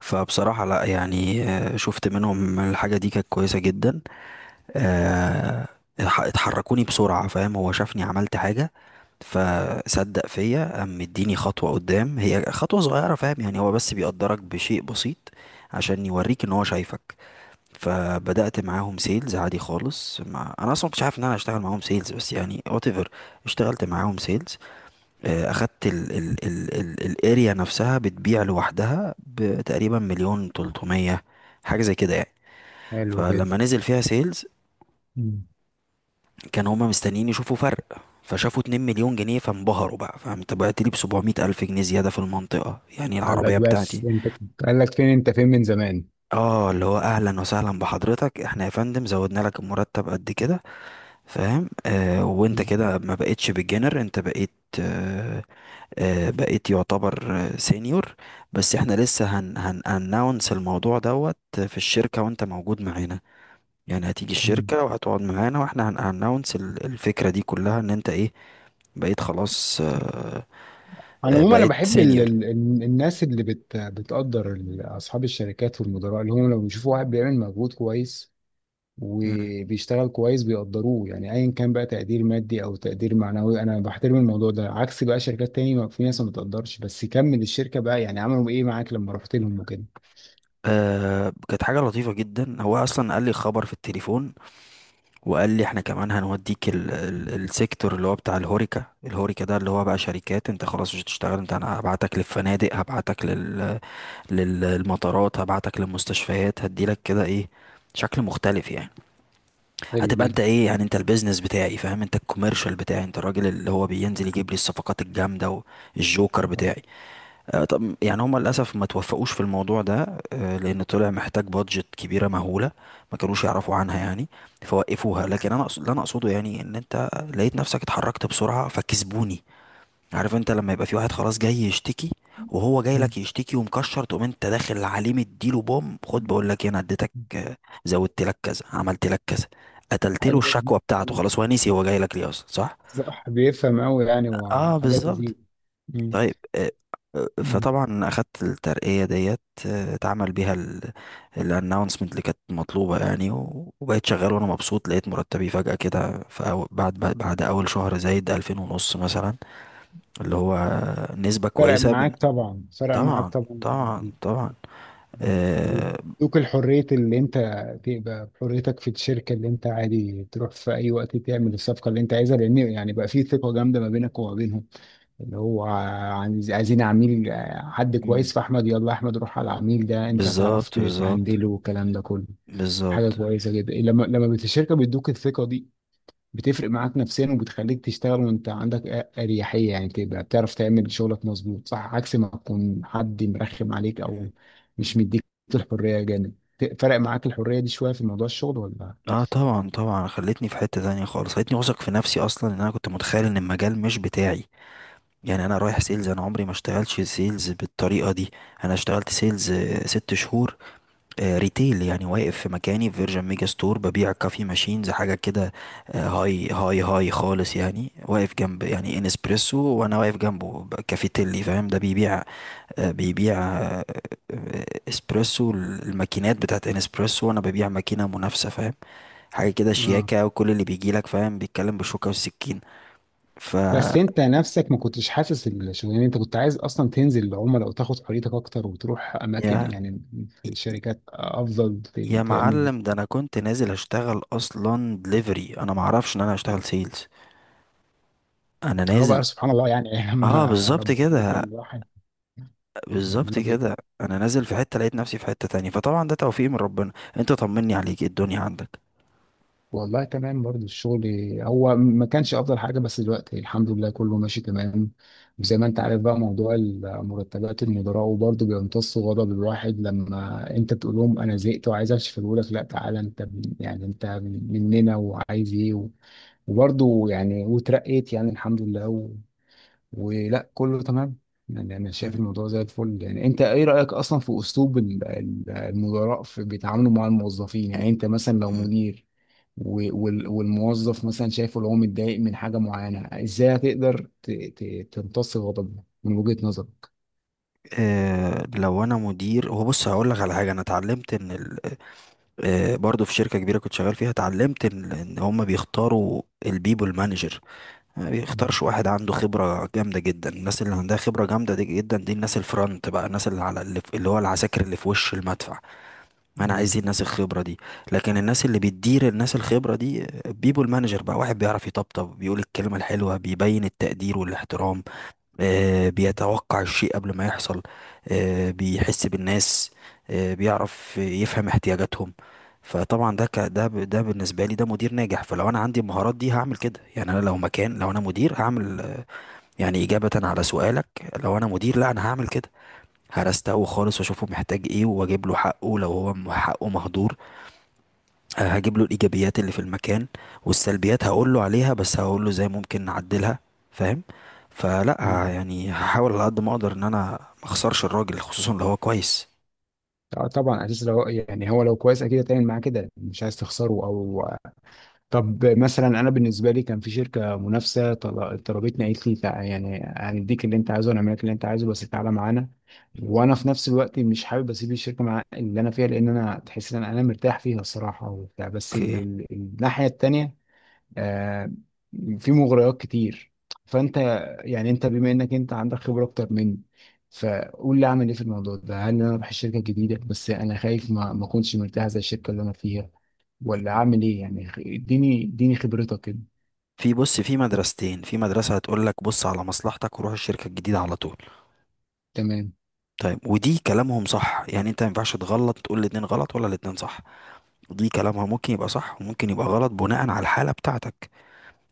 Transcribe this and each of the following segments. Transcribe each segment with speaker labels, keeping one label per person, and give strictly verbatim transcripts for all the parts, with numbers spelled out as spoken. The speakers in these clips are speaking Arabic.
Speaker 1: فبصراحة لا يعني آه، شفت منهم الحاجة دي كانت كويسة جدا. آه، اتح- اتحركوني بسرعة، فاهم؟ هو شافني عملت حاجة فصدق فيا، قام مديني خطوة قدام. هي خطوة صغيرة، فاهم؟ يعني هو بس بيقدرك بشيء بسيط عشان يوريك ان هو شايفك. فبدأت معاهم سيلز عادي خالص، ما انا اصلا مكنتش عارف ان انا هشتغل معاهم سيلز، بس يعني whatever. اشتغلت معاهم سيلز. آه، اخدت ال ال ال ال الاريا نفسها بتبيع لوحدها بتقريبا مليون وتلتمية، حاجة زي كده يعني.
Speaker 2: حلو جدا.
Speaker 1: فلما نزل فيها سيلز،
Speaker 2: مم.
Speaker 1: كان هما مستنيين يشوفوا فرق، فشافوا اتنين مليون جنيه فانبهروا بقى. فانت بعت لي ب سبعمية الف جنيه زيادة في المنطقة يعني،
Speaker 2: قال لك
Speaker 1: العربية
Speaker 2: بس
Speaker 1: بتاعتي.
Speaker 2: انت قال لك فين انت، فين من زمان.
Speaker 1: اه، اللي هو اهلا وسهلا بحضرتك، احنا يا فندم زودنا لك المرتب قد كده، فاهم؟ آه، وانت
Speaker 2: مم.
Speaker 1: كده ما بقتش بالجنر، انت بقيت، آه، آه، بقيت يعتبر آه، سينيور. بس احنا لسه هن هن اناونس الموضوع دوت في الشركة وانت موجود معانا. يعني هتيجي
Speaker 2: مم.
Speaker 1: الشركة وهتقعد معانا واحنا هن اناونس الفكرة دي كلها، ان انت ايه؟ بقيت خلاص، آه،
Speaker 2: على
Speaker 1: آه،
Speaker 2: العموم انا
Speaker 1: بقيت
Speaker 2: بحب ال...
Speaker 1: سينيور.
Speaker 2: ال... ال- الناس اللي بت... بتقدر، ال- اصحاب الشركات والمدراء اللي هم لما بيشوفوا واحد بيعمل مجهود كويس
Speaker 1: مم.
Speaker 2: وبيشتغل كويس بيقدروه، يعني ايا كان بقى تقدير مادي او تقدير معنوي انا بحترم الموضوع ده. عكس بقى شركات تاني ما- في ناس ما بتقدرش، بس كمل الشركه بقى، يعني عملوا ايه معاك لما رحت لهم وكده.
Speaker 1: آه، كانت حاجة لطيفة جدا. هو أصلا قال لي خبر في التليفون، وقال لي احنا كمان هنوديك ال ال السيكتور اللي هو بتاع الهوريكا. الهوريكا ده اللي هو بقى شركات، انت خلاص مش هتشتغل، انت انا هبعتك للفنادق، هبعتك لل، للمطارات، هبعتك للمستشفيات، هديلك كده ايه، شكل مختلف يعني.
Speaker 2: حلو
Speaker 1: هتبقى انت
Speaker 2: جدا.
Speaker 1: ايه يعني، انت البيزنس بتاعي، فاهم؟ انت الكوميرشال بتاعي، انت الراجل اللي هو بينزل يجيب لي الصفقات الجامده والجوكر بتاعي. آه، طب يعني هما للاسف ما توفقوش في الموضوع ده، آه، لان طلع محتاج بادجت كبيره مهوله ما كانوش يعرفوا عنها يعني، فوقفوها. لكن انا أقصد، اللي انا اقصده يعني ان انت لقيت نفسك اتحركت بسرعه فكسبوني. عارف انت لما يبقى في واحد خلاص جاي يشتكي، وهو جاي
Speaker 2: مم.
Speaker 1: لك يشتكي ومكشر، تقوم انت داخل عليه مديله بوم، خد، بقول لك ايه، انا اديتك، آه، زودت لك كذا، عملت لك كذا، قتلت له
Speaker 2: حاجه.
Speaker 1: الشكوى بتاعته. خلاص، هو نسي هو جاي لك ليه اصلا، صح؟
Speaker 2: صح، بيفهم قوي يعني،
Speaker 1: اه
Speaker 2: وحاجات لذيذة.
Speaker 1: بالظبط.
Speaker 2: مم.
Speaker 1: طيب، آه، آه،
Speaker 2: مم.
Speaker 1: فطبعا اخدت الترقية ديت، آه، اتعمل بيها الاناونسمنت اللي كانت مطلوبة يعني. و- وبقيت شغال وانا مبسوط. لقيت مرتبي فجأة كده في أو- بعد بعد اول شهر زايد ألفين ونص مثلا، اللي هو نسبة
Speaker 2: فرق
Speaker 1: كويسة.
Speaker 2: معاك طبعا، فرق معاك
Speaker 1: طبعا،
Speaker 2: طبعا.
Speaker 1: طبعا طبعا، آه.
Speaker 2: وادوك الحرية اللي انت تبقى بحريتك في الشركة، اللي انت عادي تروح في اي وقت تعمل الصفقة اللي انت عايزها، لان يعني بقى في ثقة جامدة ما بينك وما بينهم، اللي هو عايز- عايزين عميل، حد كويس،
Speaker 1: مم.
Speaker 2: فاحمد يلا احمد روح على العميل ده انت هتعرف
Speaker 1: بالظبط بالظبط.
Speaker 2: تهندله والكلام ده كله. حاجة
Speaker 1: بالظبط.
Speaker 2: كويسة جدا لما لما بت- الشركة بيدوك الثقة دي، بتفرق معاك نفسيا وبتخليك تشتغل وانت عندك أ- اريحيه، يعني تبقى بتعرف تعمل شغلك مظبوط، صح؟ عكس ما تكون حد مرخم عليك، او
Speaker 1: مم.
Speaker 2: مش مديك الحريه. جامد، ت- فرق معاك الحريه دي شويه في موضوع الشغل ولا؟
Speaker 1: اه طبعا، طبعا، خلتني في حتة تانية خالص، خلتني واثق في نفسي. اصلا ان انا كنت متخيل ان المجال مش بتاعي، يعني انا رايح سيلز، انا عمري ما اشتغلتش سيلز بالطريقة دي. انا اشتغلت سيلز آه، ست شهور آه، ريتيل يعني، واقف في مكاني في فيرجن ميجا ستور ببيع كافي ماشينز، حاجة كده. آه، هاي هاي هاي خالص يعني، واقف جنب يعني انسبريسو، وانا واقف جنبه ب، كافيتيلي، فاهم؟ ده بيبيع آه، بيبيع آه، آه، اسبريسو، الماكينات بتاعت انسبريسو، وانا ببيع ماكينة منافسة، فاهم؟ حاجة كده
Speaker 2: اه،
Speaker 1: شياكة، وكل اللي بيجي لك، فاهم، بيتكلم بالشوكة والسكين. ف
Speaker 2: بس انت نفسك ما كنتش حاسس الشغلانه، انت كنت عايز اصلا تنزل العملاء وتاخد حريتك اكتر، وتروح اماكن
Speaker 1: يا
Speaker 2: يعني في الشركات افضل ت-
Speaker 1: يا
Speaker 2: تعمل.
Speaker 1: معلم، ده انا كنت نازل اشتغل اصلا دليفري، انا ما اعرفش ان انا هشتغل سيلز. انا
Speaker 2: هو
Speaker 1: نازل،
Speaker 2: بقى سبحان الله يعني
Speaker 1: اه
Speaker 2: لما
Speaker 1: بالظبط
Speaker 2: ربنا
Speaker 1: كده،
Speaker 2: بيكرم الواحد.
Speaker 1: بالظبط
Speaker 2: ربنا.
Speaker 1: كده. انا نازل في حتة لقيت نفسي في حتة تانية، فطبعا ده توفيق من ربنا. انت طمني عليك، إيه الدنيا عندك؟
Speaker 2: والله تمام برضه الشغل، هو ما كانش افضل حاجه، بس دلوقتي الحمد لله كله ماشي تمام. وزي ما انت عارف بقى موضوع المرتبات، المدراء وبرضه بيمتصوا غضب الواحد لما انت تقول لهم انا زهقت وعايز امشي، فيقول لك لا تعالى انت من- يعني انت مننا وعايز ايه، و- وبرضه يعني وترقيت يعني الحمد لله و... ولا كله تمام. يعني انا شايف الموضوع زي الفل. يعني انت ايه رايك اصلا في اسلوب ال- ال- المدراء في بيتعاملوا مع الموظفين؟ يعني انت مثلا لو
Speaker 1: مم.
Speaker 2: مدير و- وال- والموظف، مثلا شايفه لو هو متضايق من حاجة معينة، ازاي هتقدر ت- ت- تمتص غضبه من وجهة نظرك؟
Speaker 1: آه، لو انا مدير، هو بص، هقول لك على حاجه انا اتعلمت. ان ال، آه، برضه في شركه كبيره كنت شغال فيها، اتعلمت ان ان هم بيختاروا البيبول مانجر، ما
Speaker 2: مم.
Speaker 1: بيختارش واحد عنده خبره جامده جدا. الناس اللي عندها خبره جامده دي جدا، دي الناس الفرونت بقى، الناس اللي على اللي، في- اللي هو العساكر اللي في وش المدفع. انا عايز دي،
Speaker 2: أيوة.
Speaker 1: الناس الخبره دي. لكن الناس اللي بتدير الناس الخبره دي، بيبول مانجر بقى، واحد بيعرف يطبطب، بيقول الكلمه الحلوه، بيبين التقدير والاحترام، آه، بيتوقع الشيء قبل ما يحصل، آه، بيحس بالناس، آه، بيعرف يفهم احتياجاتهم. فطبعا ده، ك... ده ب... ده بالنسبه لي ده مدير ناجح. فلو انا عندي المهارات دي هعمل كده يعني، انا لو مكان، لو انا مدير هعمل آه، يعني اجابه على سؤالك، لو انا مدير لا انا هعمل كده. هرسته خالص، واشوفه محتاج ايه، واجيب له حقه لو هو م- حقه مهدور. آه، هجيب له الايجابيات اللي في المكان، والسلبيات هقول له عليها بس هقول له ازاي ممكن نعدلها، فاهم؟ فلا
Speaker 2: أيوة.
Speaker 1: ه- يعني هحاول على قد ما اقدر ان انا ما اخسرش الراجل، خصوصا لو هو كويس.
Speaker 2: آه، طبعا، اساس لو يعني هو لو كويس اكيد هتعمل معاه كده، مش عايز تخسره. او طب مثلا انا بالنسبه لي كان في شركه منافسه طل- طلبتني، قالت لي تع- يعني هنديك اللي انت عايزه ونعمل لك اللي انت عايزه بس تعالى معانا. وانا في نفس الوقت مش حابب اسيب الشركه مع اللي انا فيها، لان انا تحس ان انا أنا مرتاح فيها الصراحه وبتاع، بس ال-
Speaker 1: اوكي.
Speaker 2: ال- الناحيه التانيه آه، في مغريات كتير. فانت، يعني انت بما انك انت عندك خبره اكتر مني، فقول لي اعمل ايه في الموضوع ده. هل انا اروح الشركه الجديده؟ بس انا خايف ما ما اكونش مرتاح زي الشركه اللي انا فيها. ولا اعمل ايه يعني، خ- اديني اديني خبرتك كده.
Speaker 1: في، بص، في مدرستين. في مدرسة هتقول لك بص على مصلحتك وروح الشركة الجديدة على طول.
Speaker 2: تمام.
Speaker 1: طيب، ودي كلامهم صح يعني، انت ما ينفعش تغلط تقول الاتنين غلط ولا الاتنين صح. دي كلامها ممكن يبقى صح وممكن يبقى غلط بناء على الحالة بتاعتك.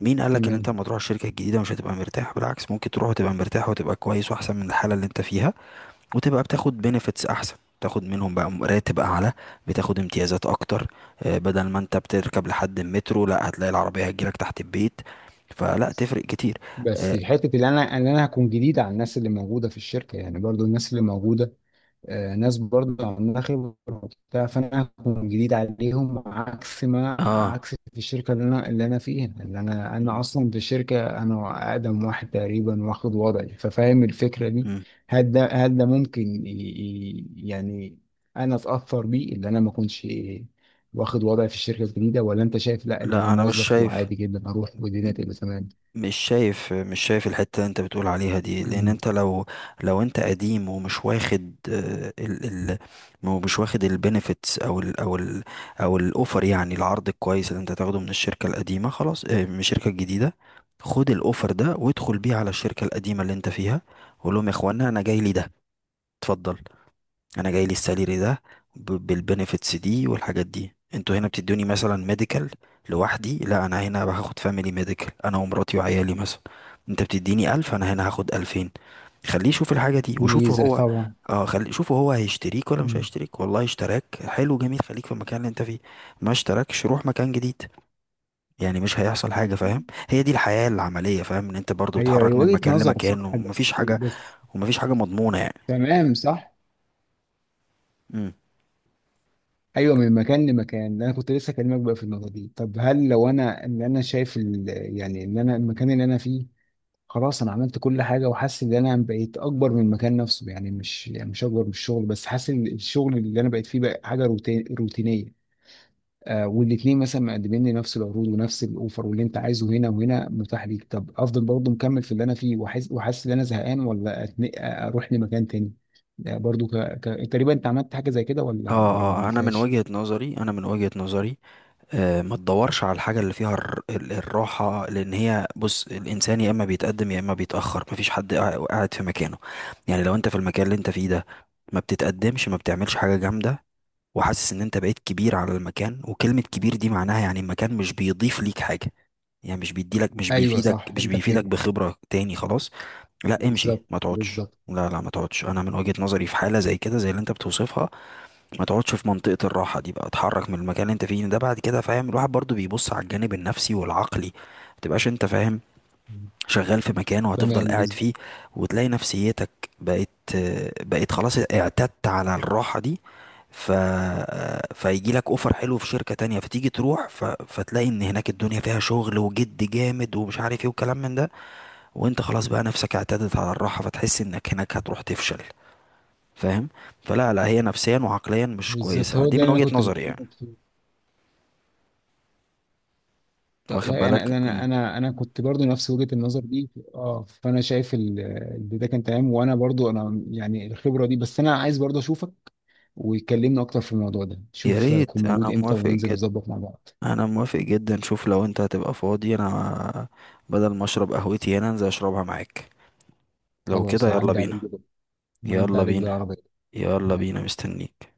Speaker 1: مين قالك ان انت
Speaker 2: تمام.
Speaker 1: لما تروح الشركة الجديدة مش هتبقى مرتاح؟ بالعكس، ممكن تروح وتبقى مرتاح وتبقى كويس واحسن من الحالة اللي انت فيها. وتبقى بتاخد بنefits احسن، تاخد منهم بقى م- راتب اعلى، بتاخد امتيازات اكتر، آه، بدل ما انت بتركب لحد المترو، لا، هتلاقي العربية هتجيلك تحت البيت. فلا تفرق كتير.
Speaker 2: بس
Speaker 1: اه.
Speaker 2: حته اللي انا اللي انا هكون جديد على الناس اللي موجوده في الشركه، يعني برضو الناس اللي موجوده آه، ناس برضه عندها خبرة وبتاع، فأنا هكون جديد عليهم، عكس ما،
Speaker 1: آه.
Speaker 2: عكس في الشركة اللي أنا اللي أنا فيها، اللي أنا أنا
Speaker 1: م-
Speaker 2: أصلا في الشركة أنا أقدم واحد تقريبا واخد وضعي، ففاهم الفكرة دي.
Speaker 1: م.
Speaker 2: هل ده هل ده ممكن ي- ي- يعني أنا أتأثر بيه، اللي أنا ما أكونش واخد وضعي في الشركة الجديدة؟ ولا أنت شايف لأ، اللي أنا
Speaker 1: لا انا مش
Speaker 2: موظف
Speaker 1: شايف.
Speaker 2: وعادي جدا أروح والدنيا تبقى تمام؟
Speaker 1: مش شايف مش شايف الحتة اللي انت بتقول عليها دي، لان
Speaker 2: مم.
Speaker 1: انت لو، لو انت قديم ومش واخد آه، ال ال مش واخد البينيفيتس، او ال او ال او الاوفر يعني، العرض الكويس اللي انت تاخده من الشركة القديمة، خلاص آه، من الشركة الجديدة، خد الاوفر ده وادخل بيه على الشركة القديمة اللي انت فيها، وقول لهم يا اخوانا انا جاي لي ده، اتفضل، انا جاي لي السالري ده بالبنفيتس دي والحاجات دي. انتوا هنا بتدوني مثلا ميديكال لوحدي، لا انا هنا هاخد فاميلي ميديكال، انا ومراتي وعيالي مثلا. انت بتديني ألف، انا هنا هاخد ألفين. خليه يشوف الحاجة دي وشوف
Speaker 2: ميزة
Speaker 1: هو،
Speaker 2: طبعا.
Speaker 1: اه، خلي شوف هو هيشتريك ولا مش
Speaker 2: مم.
Speaker 1: هيشتريك. والله اشتراك، حلو جميل، خليك في المكان اللي انت فيه. ما اشتراكش، روح مكان جديد. يعني مش هيحصل حاجة، فاهم؟ هي دي الحياة العملية، فاهم؟ ان انت برضو
Speaker 2: هي هي
Speaker 1: تتحرك من
Speaker 2: وجهة
Speaker 1: مكان
Speaker 2: نظر صح،
Speaker 1: لمكان ومفيش
Speaker 2: بس
Speaker 1: حاجة،
Speaker 2: بس.
Speaker 1: ومفيش حاجة مضمونة
Speaker 2: تمام صح.
Speaker 1: يعني.
Speaker 2: ايوه، من مكان لمكان. انا كنت لسه اكلمك بقى في النقطه دي. طب هل لو انا ان انا شايف ال... يعني ان انا المكان اللي انا فيه خلاص، انا عملت كل حاجه وحاسس ان انا بقيت اكبر من المكان نفسه، يعني مش، يعني مش اكبر من الشغل بس حاسس ان الشغل اللي انا بقيت فيه بقى حاجه روتين... روتينيه، آه، والاثنين مثلا مقدمين لي نفس العروض ونفس الاوفر، واللي انت عايزه هنا وهنا متاح ليك، طب افضل برضه مكمل في اللي انا فيه وحاسس، وحاسس ان انا زهقان، ولا أتن- اروح لمكان تاني؟ آه، برضه ك... ك... تقريبا انت عملت حاجه زي كده ولا ولا ما
Speaker 1: اه اه، انا من
Speaker 2: عملتهاش.
Speaker 1: وجهة نظري، انا من وجهة نظري، آه، ما تدورش على الحاجة اللي فيها الر- ال- الراحة، لان هي بص، الانسان يا اما بيتقدم يا اما بيتأخر، مفيش حد قاع- قاعد في مكانه. يعني لو انت في المكان اللي انت فيه ده ما بتتقدمش، ما بتعملش حاجة جامدة، وحاسس ان انت بقيت كبير على المكان، وكلمة كبير دي معناها يعني المكان مش بيضيف ليك حاجة، يعني مش بيديلك، مش
Speaker 2: ايوه
Speaker 1: بيفيدك،
Speaker 2: صح.
Speaker 1: مش
Speaker 2: انت
Speaker 1: بيفيدك
Speaker 2: فين؟
Speaker 1: بخبرة تاني خلاص. لا امشي،
Speaker 2: بالظبط.
Speaker 1: ما تقعدش،
Speaker 2: بالظبط.
Speaker 1: لا لا، ما تقعدش. انا من وجهة نظري في حالة زي كده، زي اللي انت بتوصفها، ما تقعدش في منطقة الراحة دي بقى، اتحرك من المكان اللي انت فيه ده. بعد كده، فاهم، الواحد برضو بيبص على الجانب النفسي والعقلي، ما تبقاش انت، فاهم،
Speaker 2: مم.
Speaker 1: شغال في مكان وهتفضل
Speaker 2: تمام.
Speaker 1: قاعد
Speaker 2: بالظبط.
Speaker 1: فيه، وتلاقي نفسيتك بقت بقت خلاص اعتدت على الراحة دي. ف... فيجي لك اوفر حلو في شركة تانية، فتيجي تروح ف... فتلاقي ان هناك الدنيا فيها شغل وجد جامد، ومش عارف ايه وكلام من ده، وانت خلاص بقى نفسك اعتدت على الراحة، فتحس انك هناك هتروح تفشل، فاهم؟ فلا لا، هي نفسيا وعقليا مش
Speaker 2: بالظبط،
Speaker 1: كويسة
Speaker 2: هو
Speaker 1: دي،
Speaker 2: ده
Speaker 1: من
Speaker 2: اللي انا
Speaker 1: وجهة
Speaker 2: كنت
Speaker 1: نظري يعني.
Speaker 2: بكلمك فيه. طب
Speaker 1: واخد
Speaker 2: انا
Speaker 1: بالك؟
Speaker 2: انا
Speaker 1: مم.
Speaker 2: انا انا كنت برضو نفس وجهة النظر دي، اه، فانا شايف ال- اللي ده كان تمام. وانا برضو انا يعني الخبرة دي، بس انا عايز برضو اشوفك ويكلمني اكتر في الموضوع ده.
Speaker 1: يا
Speaker 2: شوف
Speaker 1: ريت،
Speaker 2: هيكون موجود
Speaker 1: انا
Speaker 2: امتى
Speaker 1: موافق
Speaker 2: وننزل
Speaker 1: جدا.
Speaker 2: نظبط مع بعض.
Speaker 1: انا موافق جدا. شوف لو انت هتبقى فاضي، انا بدل ما اشرب قهوتي هنا انزل اشربها معاك. لو
Speaker 2: خلاص،
Speaker 1: كده، يلا
Speaker 2: هعدي عليك
Speaker 1: بينا،
Speaker 2: بكره. هعدي
Speaker 1: يلا
Speaker 2: عليك
Speaker 1: بينا،
Speaker 2: بالعربية.
Speaker 1: يلا
Speaker 2: يلا.
Speaker 1: بينا، مستنيك.